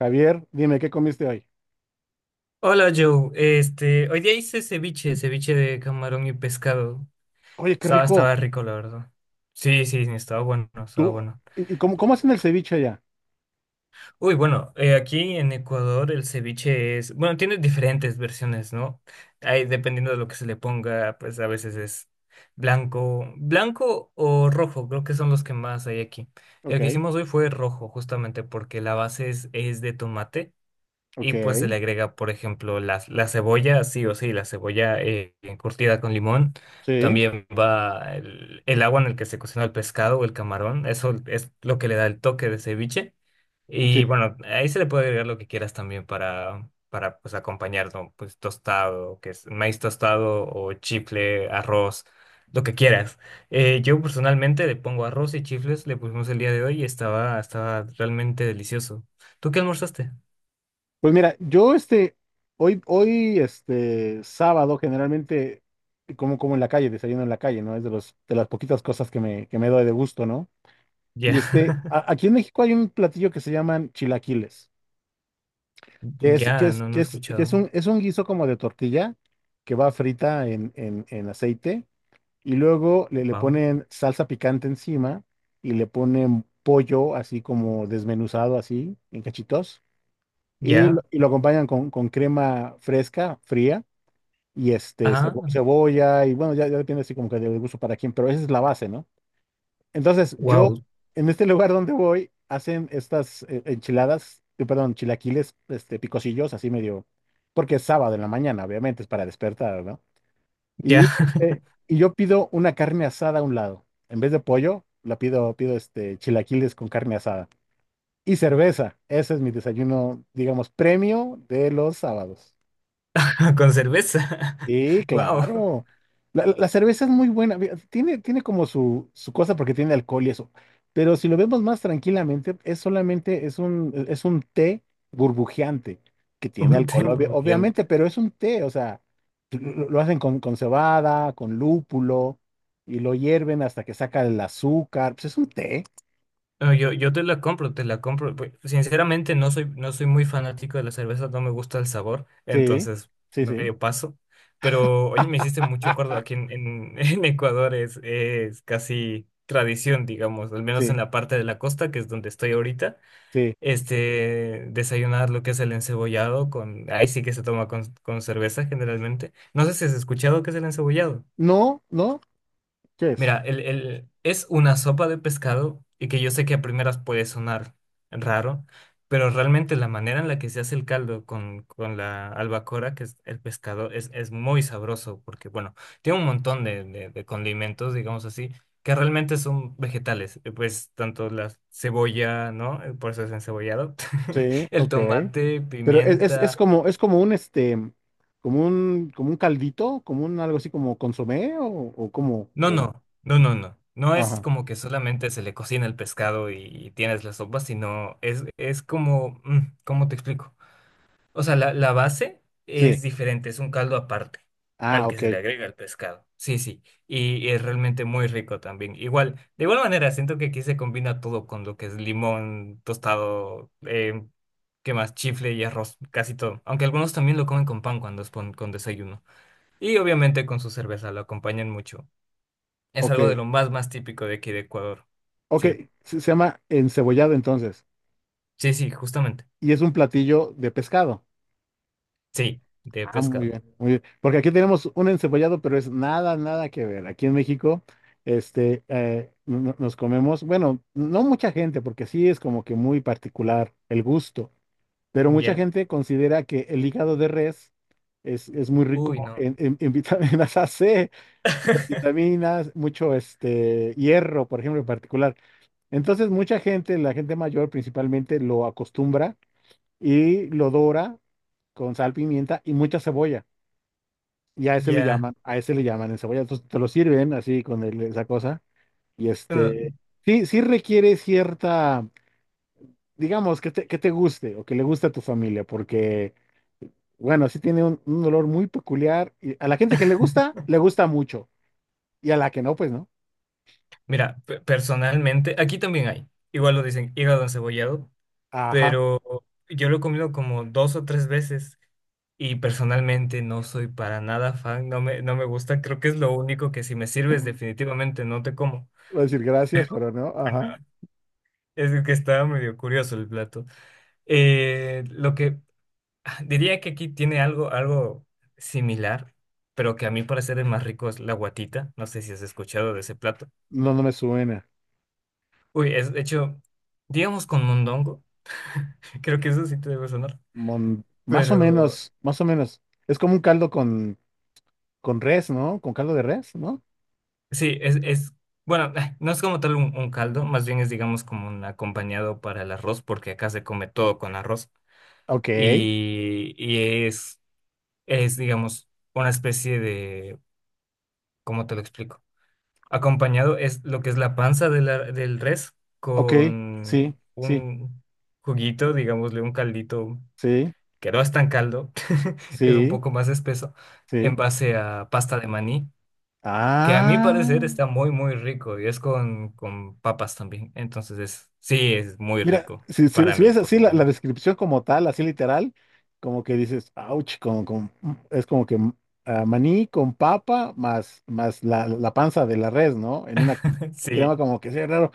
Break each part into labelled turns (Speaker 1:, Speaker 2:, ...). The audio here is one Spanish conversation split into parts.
Speaker 1: Javier, dime, ¿qué comiste hoy?
Speaker 2: Hola Joe, hoy día hice ceviche, ceviche de camarón y pescado.
Speaker 1: Oye, qué
Speaker 2: Estaba,
Speaker 1: rico.
Speaker 2: estaba rico, la verdad. Sí, sí, sí, estaba bueno, estaba
Speaker 1: ¿Tú?
Speaker 2: bueno.
Speaker 1: ¿Y cómo hacen el ceviche allá?
Speaker 2: Uy, bueno, aquí en Ecuador el ceviche es, bueno, tiene diferentes versiones, ¿no? Ahí, dependiendo de lo que se le ponga, pues a veces es blanco o rojo, creo que son los que más hay aquí.
Speaker 1: Ok,
Speaker 2: El que hicimos hoy fue rojo, justamente porque la base es de tomate.
Speaker 1: ok,
Speaker 2: Y pues se le agrega, por ejemplo, la cebolla, sí o sí, la cebolla curtida con limón.
Speaker 1: sí,
Speaker 2: También va el agua en el que se cocina el pescado o el camarón. Eso es lo que le da el toque de ceviche.
Speaker 1: sí.
Speaker 2: Y bueno, ahí se le puede agregar lo que quieras también para pues, acompañar, ¿no? Pues tostado, que es maíz tostado o chifle, arroz, lo que quieras. Yo personalmente le pongo arroz y chifles, le pusimos el día de hoy y estaba realmente delicioso. ¿Tú qué almorzaste?
Speaker 1: Pues mira, yo este, hoy, este, sábado, generalmente, como en la calle, desayuno en la calle, ¿no? Es de las poquitas cosas que me doy de gusto, ¿no?
Speaker 2: Ya.
Speaker 1: Y este, aquí en México hay un platillo que se llaman chilaquiles, que es, que
Speaker 2: Ya,
Speaker 1: es,
Speaker 2: no, no
Speaker 1: que
Speaker 2: he
Speaker 1: es, que es
Speaker 2: escuchado.
Speaker 1: un guiso como de tortilla que va frita en aceite. Y luego le
Speaker 2: Wow.
Speaker 1: ponen salsa picante encima y le ponen pollo así como desmenuzado así en cachitos y lo,
Speaker 2: Ya,
Speaker 1: y lo acompañan con crema fresca, fría y este
Speaker 2: ah,
Speaker 1: cebolla y bueno, ya, ya depende así como que del gusto para quién, pero esa es la base, ¿no? Entonces yo
Speaker 2: wow,
Speaker 1: en este lugar donde voy hacen estas enchiladas, perdón, chilaquiles este, picosillos así medio, porque es sábado en la mañana, obviamente es para despertar, ¿no?
Speaker 2: ya.
Speaker 1: Y, eh, y yo pido una carne asada a un lado. En vez de pollo, pido este chilaquiles con carne asada. Y cerveza. Ese es mi desayuno, digamos, premio de los sábados.
Speaker 2: Con cerveza.
Speaker 1: Sí,
Speaker 2: Wow,
Speaker 1: claro. La cerveza es muy buena. Ve, tiene como su cosa porque tiene alcohol y eso. Pero si lo vemos más tranquilamente, es solamente, es un té burbujeante que
Speaker 2: un
Speaker 1: tiene alcohol,
Speaker 2: té
Speaker 1: obviamente,
Speaker 2: burbujeante.
Speaker 1: pero es un té, o sea, lo hacen con cebada, con lúpulo, y lo hierven hasta que saca el azúcar. Pues es un té.
Speaker 2: No, yo te la compro, te la compro. Pues, sinceramente, no soy muy fanático de la cerveza, no me gusta el sabor,
Speaker 1: Sí,
Speaker 2: entonces
Speaker 1: sí, sí,
Speaker 2: medio paso. Pero hoy me hiciste mucho acuerdo, aquí en Ecuador es casi tradición, digamos, al menos en
Speaker 1: sí,
Speaker 2: la parte de la costa, que es donde estoy ahorita.
Speaker 1: sí.
Speaker 2: Desayunar lo que es el encebollado con, ahí sí que se toma con cerveza generalmente. No sé si has escuchado qué es el encebollado.
Speaker 1: No, no, ¿qué es?
Speaker 2: Mira, es una sopa de pescado y que yo sé que a primeras puede sonar raro, pero realmente la manera en la que se hace el caldo con la albacora, que es el pescado, es muy sabroso porque, bueno, tiene un montón de condimentos, digamos así, que realmente son vegetales. Pues tanto la cebolla, ¿no? Por eso es encebollado.
Speaker 1: Sí,
Speaker 2: El
Speaker 1: ok.
Speaker 2: tomate,
Speaker 1: Pero es, es, es
Speaker 2: pimienta.
Speaker 1: como, es como un este, como un caldito, como un algo así como consomé o como,
Speaker 2: No, no, no, no, no. No es
Speaker 1: ajá,
Speaker 2: como que solamente se le cocina el pescado y tienes la sopa, sino es como, ¿cómo te explico? O sea, la base
Speaker 1: sí,
Speaker 2: es diferente, es un caldo aparte al
Speaker 1: ah,
Speaker 2: que se le
Speaker 1: ok,
Speaker 2: agrega el pescado. Sí, sí, y es realmente muy rico también. Igual, de igual manera, siento que aquí se combina todo con lo que es limón, tostado, ¿qué más? Chifle y arroz, casi todo. Aunque algunos también lo comen con pan cuando es con desayuno. Y obviamente con su cerveza, lo acompañan mucho. Es
Speaker 1: ok,
Speaker 2: algo de lo más, más típico de aquí de Ecuador.
Speaker 1: ok,
Speaker 2: Sí,
Speaker 1: se llama encebollado entonces,
Speaker 2: sí, sí, justamente.
Speaker 1: y es un platillo de pescado.
Speaker 2: Sí, de
Speaker 1: Ah,
Speaker 2: pescado.
Speaker 1: muy bien, porque aquí tenemos un encebollado, pero es nada, nada que ver. Aquí en México, este, nos comemos, bueno, no mucha gente, porque sí es como que muy particular el gusto. Pero mucha
Speaker 2: Ya.
Speaker 1: gente considera que el hígado de res es muy rico
Speaker 2: Uy, no.
Speaker 1: en vitaminas AC, vitaminas, mucho este, hierro, por ejemplo, en particular. Entonces, mucha gente, la gente mayor principalmente, lo acostumbra y lo dora con sal, pimienta y mucha cebolla. Y a ese le
Speaker 2: Ya.
Speaker 1: llaman, a ese le llaman en cebolla. Entonces, te lo sirven así con esa cosa. Y
Speaker 2: Bueno,
Speaker 1: este, sí, sí requiere cierta, digamos, que te guste o que le guste a tu familia, porque... Bueno, sí tiene un olor muy peculiar. Y a la gente que le gusta mucho. Y a la que no, pues no.
Speaker 2: mira, personalmente, aquí también hay. Igual lo dicen hígado encebollado,
Speaker 1: Ajá.
Speaker 2: pero yo lo he comido como dos o tres veces y personalmente no soy para nada fan, no me gusta. Creo que es lo único que si me sirves definitivamente no te como.
Speaker 1: Voy a decir gracias, pero no. Ajá.
Speaker 2: Bueno, es que está medio curioso el plato. Lo que diría que aquí tiene algo, algo similar, pero que a mi parecer el más rico es la guatita. No sé si has escuchado de ese plato.
Speaker 1: No, no me suena.
Speaker 2: Uy, es de hecho, digamos con mondongo. Creo que eso sí te debe sonar.
Speaker 1: Más o
Speaker 2: Pero
Speaker 1: menos, más o menos. Es como un caldo con res, ¿no? Con caldo de res, ¿no?
Speaker 2: sí, es bueno, no es como tal un caldo, más bien es digamos como un acompañado para el arroz, porque acá se come todo con arroz.
Speaker 1: Ok,
Speaker 2: Y es, digamos, una especie de, ¿cómo te lo explico? Acompañado es lo que es la panza de del res
Speaker 1: ok. Sí,
Speaker 2: con
Speaker 1: sí,
Speaker 2: un juguito, digámosle un caldito,
Speaker 1: sí,
Speaker 2: que no es tan caldo, es un
Speaker 1: sí,
Speaker 2: poco más espeso,
Speaker 1: sí.
Speaker 2: en base a pasta de maní, que a mi
Speaker 1: Ah.
Speaker 2: parecer está muy, muy rico y es con papas también. Entonces es, sí, es muy
Speaker 1: Mira,
Speaker 2: rico,
Speaker 1: si, si-
Speaker 2: para
Speaker 1: si
Speaker 2: mí
Speaker 1: ves
Speaker 2: por
Speaker 1: así
Speaker 2: lo
Speaker 1: la
Speaker 2: menos.
Speaker 1: descripción como tal, así literal, como que dices, ouch, es como que ah, maní con papa más la panza de la res, ¿no? En una
Speaker 2: Sí,
Speaker 1: crema como que sea raro.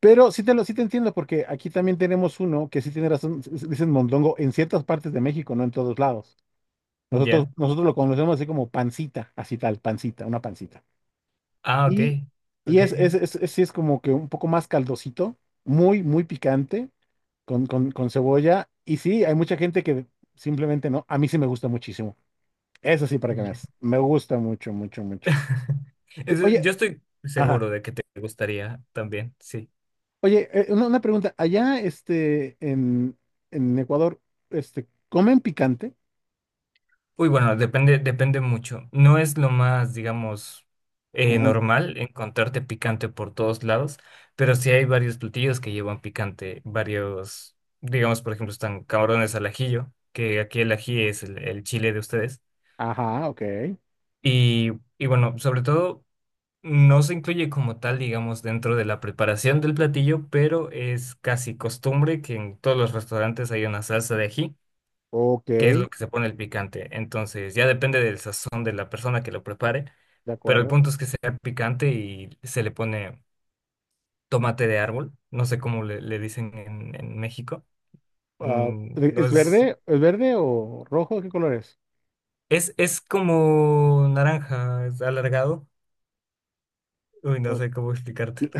Speaker 1: Pero sí te entiendo, porque aquí también tenemos uno que sí tiene razón, dicen mondongo en ciertas partes de México, no en todos lados. Nosotros,
Speaker 2: ya.
Speaker 1: nosotros lo conocemos así como pancita, así tal, pancita, una pancita.
Speaker 2: Ah, ok.
Speaker 1: Y, y
Speaker 2: Ok, ok.
Speaker 1: sí es como que un poco más caldosito, muy, muy picante con cebolla. Y sí, hay mucha gente que simplemente no. A mí sí me gusta muchísimo. Eso sí, para que
Speaker 2: Ya.
Speaker 1: veas. Me gusta mucho, mucho, mucho. Sí,
Speaker 2: Yo
Speaker 1: oye,
Speaker 2: estoy
Speaker 1: ajá.
Speaker 2: seguro de que te gustaría también, sí.
Speaker 1: Oye, una pregunta. Allá, este, en Ecuador, este, ¿comen picante?
Speaker 2: Uy, bueno, depende, depende mucho. No es lo más, digamos,
Speaker 1: Común.
Speaker 2: normal encontrarte picante por todos lados, pero sí hay varios platillos que llevan picante, varios, digamos, por ejemplo, están camarones al ajillo, que aquí el ají es el chile de ustedes.
Speaker 1: Ajá, ok.
Speaker 2: Y, y bueno, sobre todo, no se incluye como tal, digamos, dentro de la preparación del platillo, pero es casi costumbre que en todos los restaurantes hay una salsa de ají
Speaker 1: Ok,
Speaker 2: qué es lo
Speaker 1: de
Speaker 2: que se pone el picante. Entonces, ya depende del sazón de la persona que lo prepare, pero el
Speaker 1: acuerdo.
Speaker 2: punto es que sea picante y se le pone tomate de árbol, no sé cómo le dicen en México.
Speaker 1: Ah,
Speaker 2: No
Speaker 1: ¿es
Speaker 2: es,
Speaker 1: verde? ¿Es verde o rojo? ¿Qué color es?
Speaker 2: es, es como naranja, es alargado. Uy, no
Speaker 1: Oh,
Speaker 2: sé cómo explicártelo.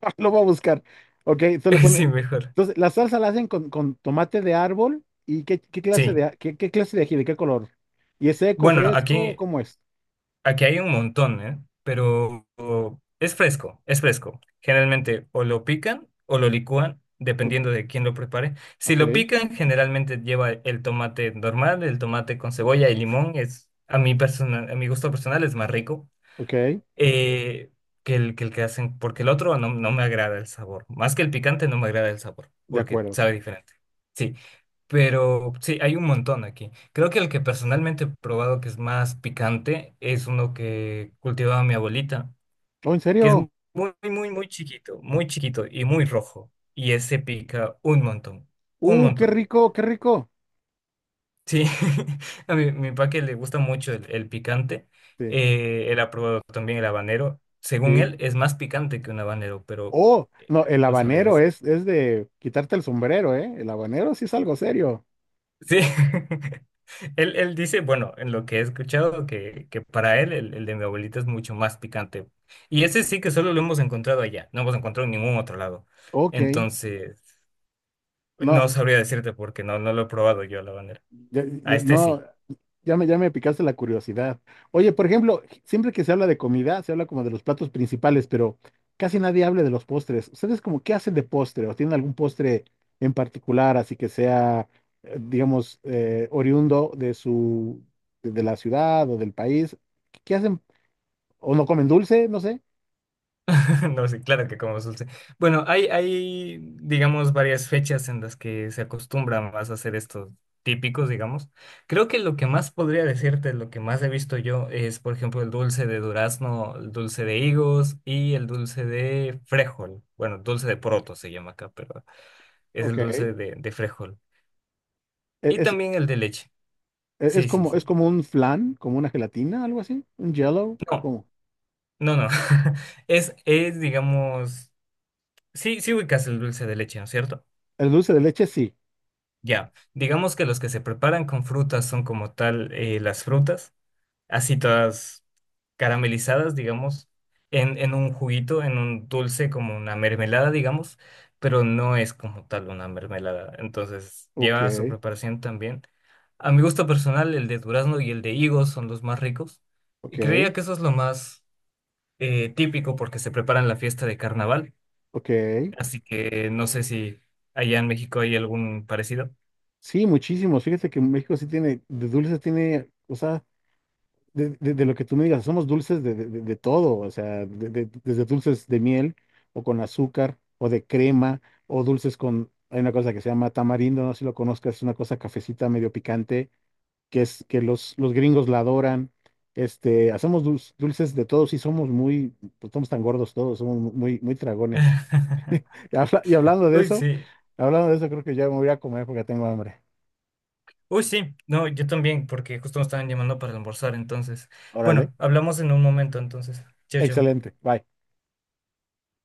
Speaker 1: lo voy a buscar. Ok, entonces le pones.
Speaker 2: Sí, mejor.
Speaker 1: Entonces, la salsa la hacen con tomate de árbol y
Speaker 2: Sí.
Speaker 1: qué clase de ají, de qué color. ¿Y es seco,
Speaker 2: Bueno,
Speaker 1: fresco?
Speaker 2: aquí
Speaker 1: ¿Cómo es?
Speaker 2: Aquí hay un montón, ¿eh? Pero es fresco, es fresco. Generalmente o lo pican o lo licúan,
Speaker 1: O-
Speaker 2: dependiendo de quién lo prepare. Si
Speaker 1: Ok,
Speaker 2: lo pican, generalmente lleva el tomate normal, el tomate con cebolla y limón. Es, a mi a mi gusto personal es más rico
Speaker 1: ok,
Speaker 2: eh, que el que hacen, porque el otro no me agrada el sabor. Más que el picante, no me agrada el sabor,
Speaker 1: de
Speaker 2: porque
Speaker 1: acuerdo.
Speaker 2: sabe diferente. Sí, pero sí, hay un montón aquí. Creo que el que personalmente he probado que es más picante es uno que cultivaba mi abuelita,
Speaker 1: Oh, ¿en
Speaker 2: que es
Speaker 1: serio?
Speaker 2: muy, muy, muy chiquito y muy rojo. Y ese pica un montón, un
Speaker 1: Qué
Speaker 2: montón.
Speaker 1: rico, qué rico.
Speaker 2: Sí, a mi papá que le gusta mucho el picante,
Speaker 1: Sí,
Speaker 2: él ha probado también el habanero. Según
Speaker 1: sí.
Speaker 2: él, es más picante que un habanero, pero
Speaker 1: Oh,
Speaker 2: eh,
Speaker 1: no, el
Speaker 2: no sabría
Speaker 1: habanero
Speaker 2: decir.
Speaker 1: es de quitarte el sombrero, ¿eh? El habanero sí es algo serio.
Speaker 2: Sí, él dice, bueno, en lo que he escuchado, que para él el de mi abuelita es mucho más picante. Y ese sí que solo lo hemos encontrado allá, no hemos encontrado en ningún otro lado.
Speaker 1: Ok.
Speaker 2: Entonces, no
Speaker 1: No,
Speaker 2: sabría decirte porque no lo he probado yo el habanero. A este
Speaker 1: No,
Speaker 2: sí.
Speaker 1: ya me picaste la curiosidad. Oye, por ejemplo, siempre que se habla de comida, se habla como de los platos principales, pero casi nadie habla de los postres. ¿Ustedes como qué hacen de postre o tienen algún postre en particular, así que sea, digamos, oriundo de la ciudad o del país? ¿Qué hacen? ¿O no comen dulce? No sé.
Speaker 2: No, sí, claro que como dulce. Bueno, hay, digamos, varias fechas en las que se acostumbra más a hacer estos típicos, digamos. Creo que lo que más podría decirte, lo que más he visto yo, es, por ejemplo, el dulce de durazno, el dulce de higos y el dulce de frijol. Bueno, dulce de poroto se llama acá, pero es
Speaker 1: Ok.
Speaker 2: el dulce de frijol. Y
Speaker 1: Es,
Speaker 2: también el de leche.
Speaker 1: e- es
Speaker 2: Sí, sí,
Speaker 1: como, es
Speaker 2: sí.
Speaker 1: como un flan, como una gelatina, algo así, un jello o
Speaker 2: No,
Speaker 1: como.
Speaker 2: no, no. Es, digamos, sí, sí ubicas el dulce de leche, ¿no es cierto?
Speaker 1: El dulce de leche, sí.
Speaker 2: Ya, digamos que los que se preparan con frutas son como tal las frutas, así todas caramelizadas, digamos, en un juguito, en un dulce, como una mermelada, digamos, pero no es como tal una mermelada. Entonces,
Speaker 1: Ok,
Speaker 2: lleva su preparación también. A mi gusto personal, el de durazno y el de higo son los más ricos. Y
Speaker 1: ok,
Speaker 2: creía que eso es lo más típico porque se prepara en la fiesta de carnaval.
Speaker 1: ok.
Speaker 2: Así que no sé si allá en México hay algún parecido.
Speaker 1: Sí, muchísimos. Fíjate que México sí tiene, de dulces tiene, o sea, de lo que tú me digas, somos dulces de todo, o sea, desde dulces de miel o con azúcar o de crema o dulces con, hay una cosa que se llama tamarindo, no sé si lo conozcas, es una cosa cafecita medio picante que es que los gringos la adoran. Este, hacemos dulces, dulces de todos y somos muy, pues, somos tan gordos todos, somos muy, muy tragones. Y hablando de
Speaker 2: Uy,
Speaker 1: eso,
Speaker 2: sí.
Speaker 1: hablando de eso, creo que ya me voy a comer porque tengo hambre.
Speaker 2: Uy, sí. No, yo también, porque justo me estaban llamando para almorzar, entonces.
Speaker 1: Órale.
Speaker 2: Bueno, hablamos en un momento, entonces. Chao, chao.
Speaker 1: Excelente. Bye.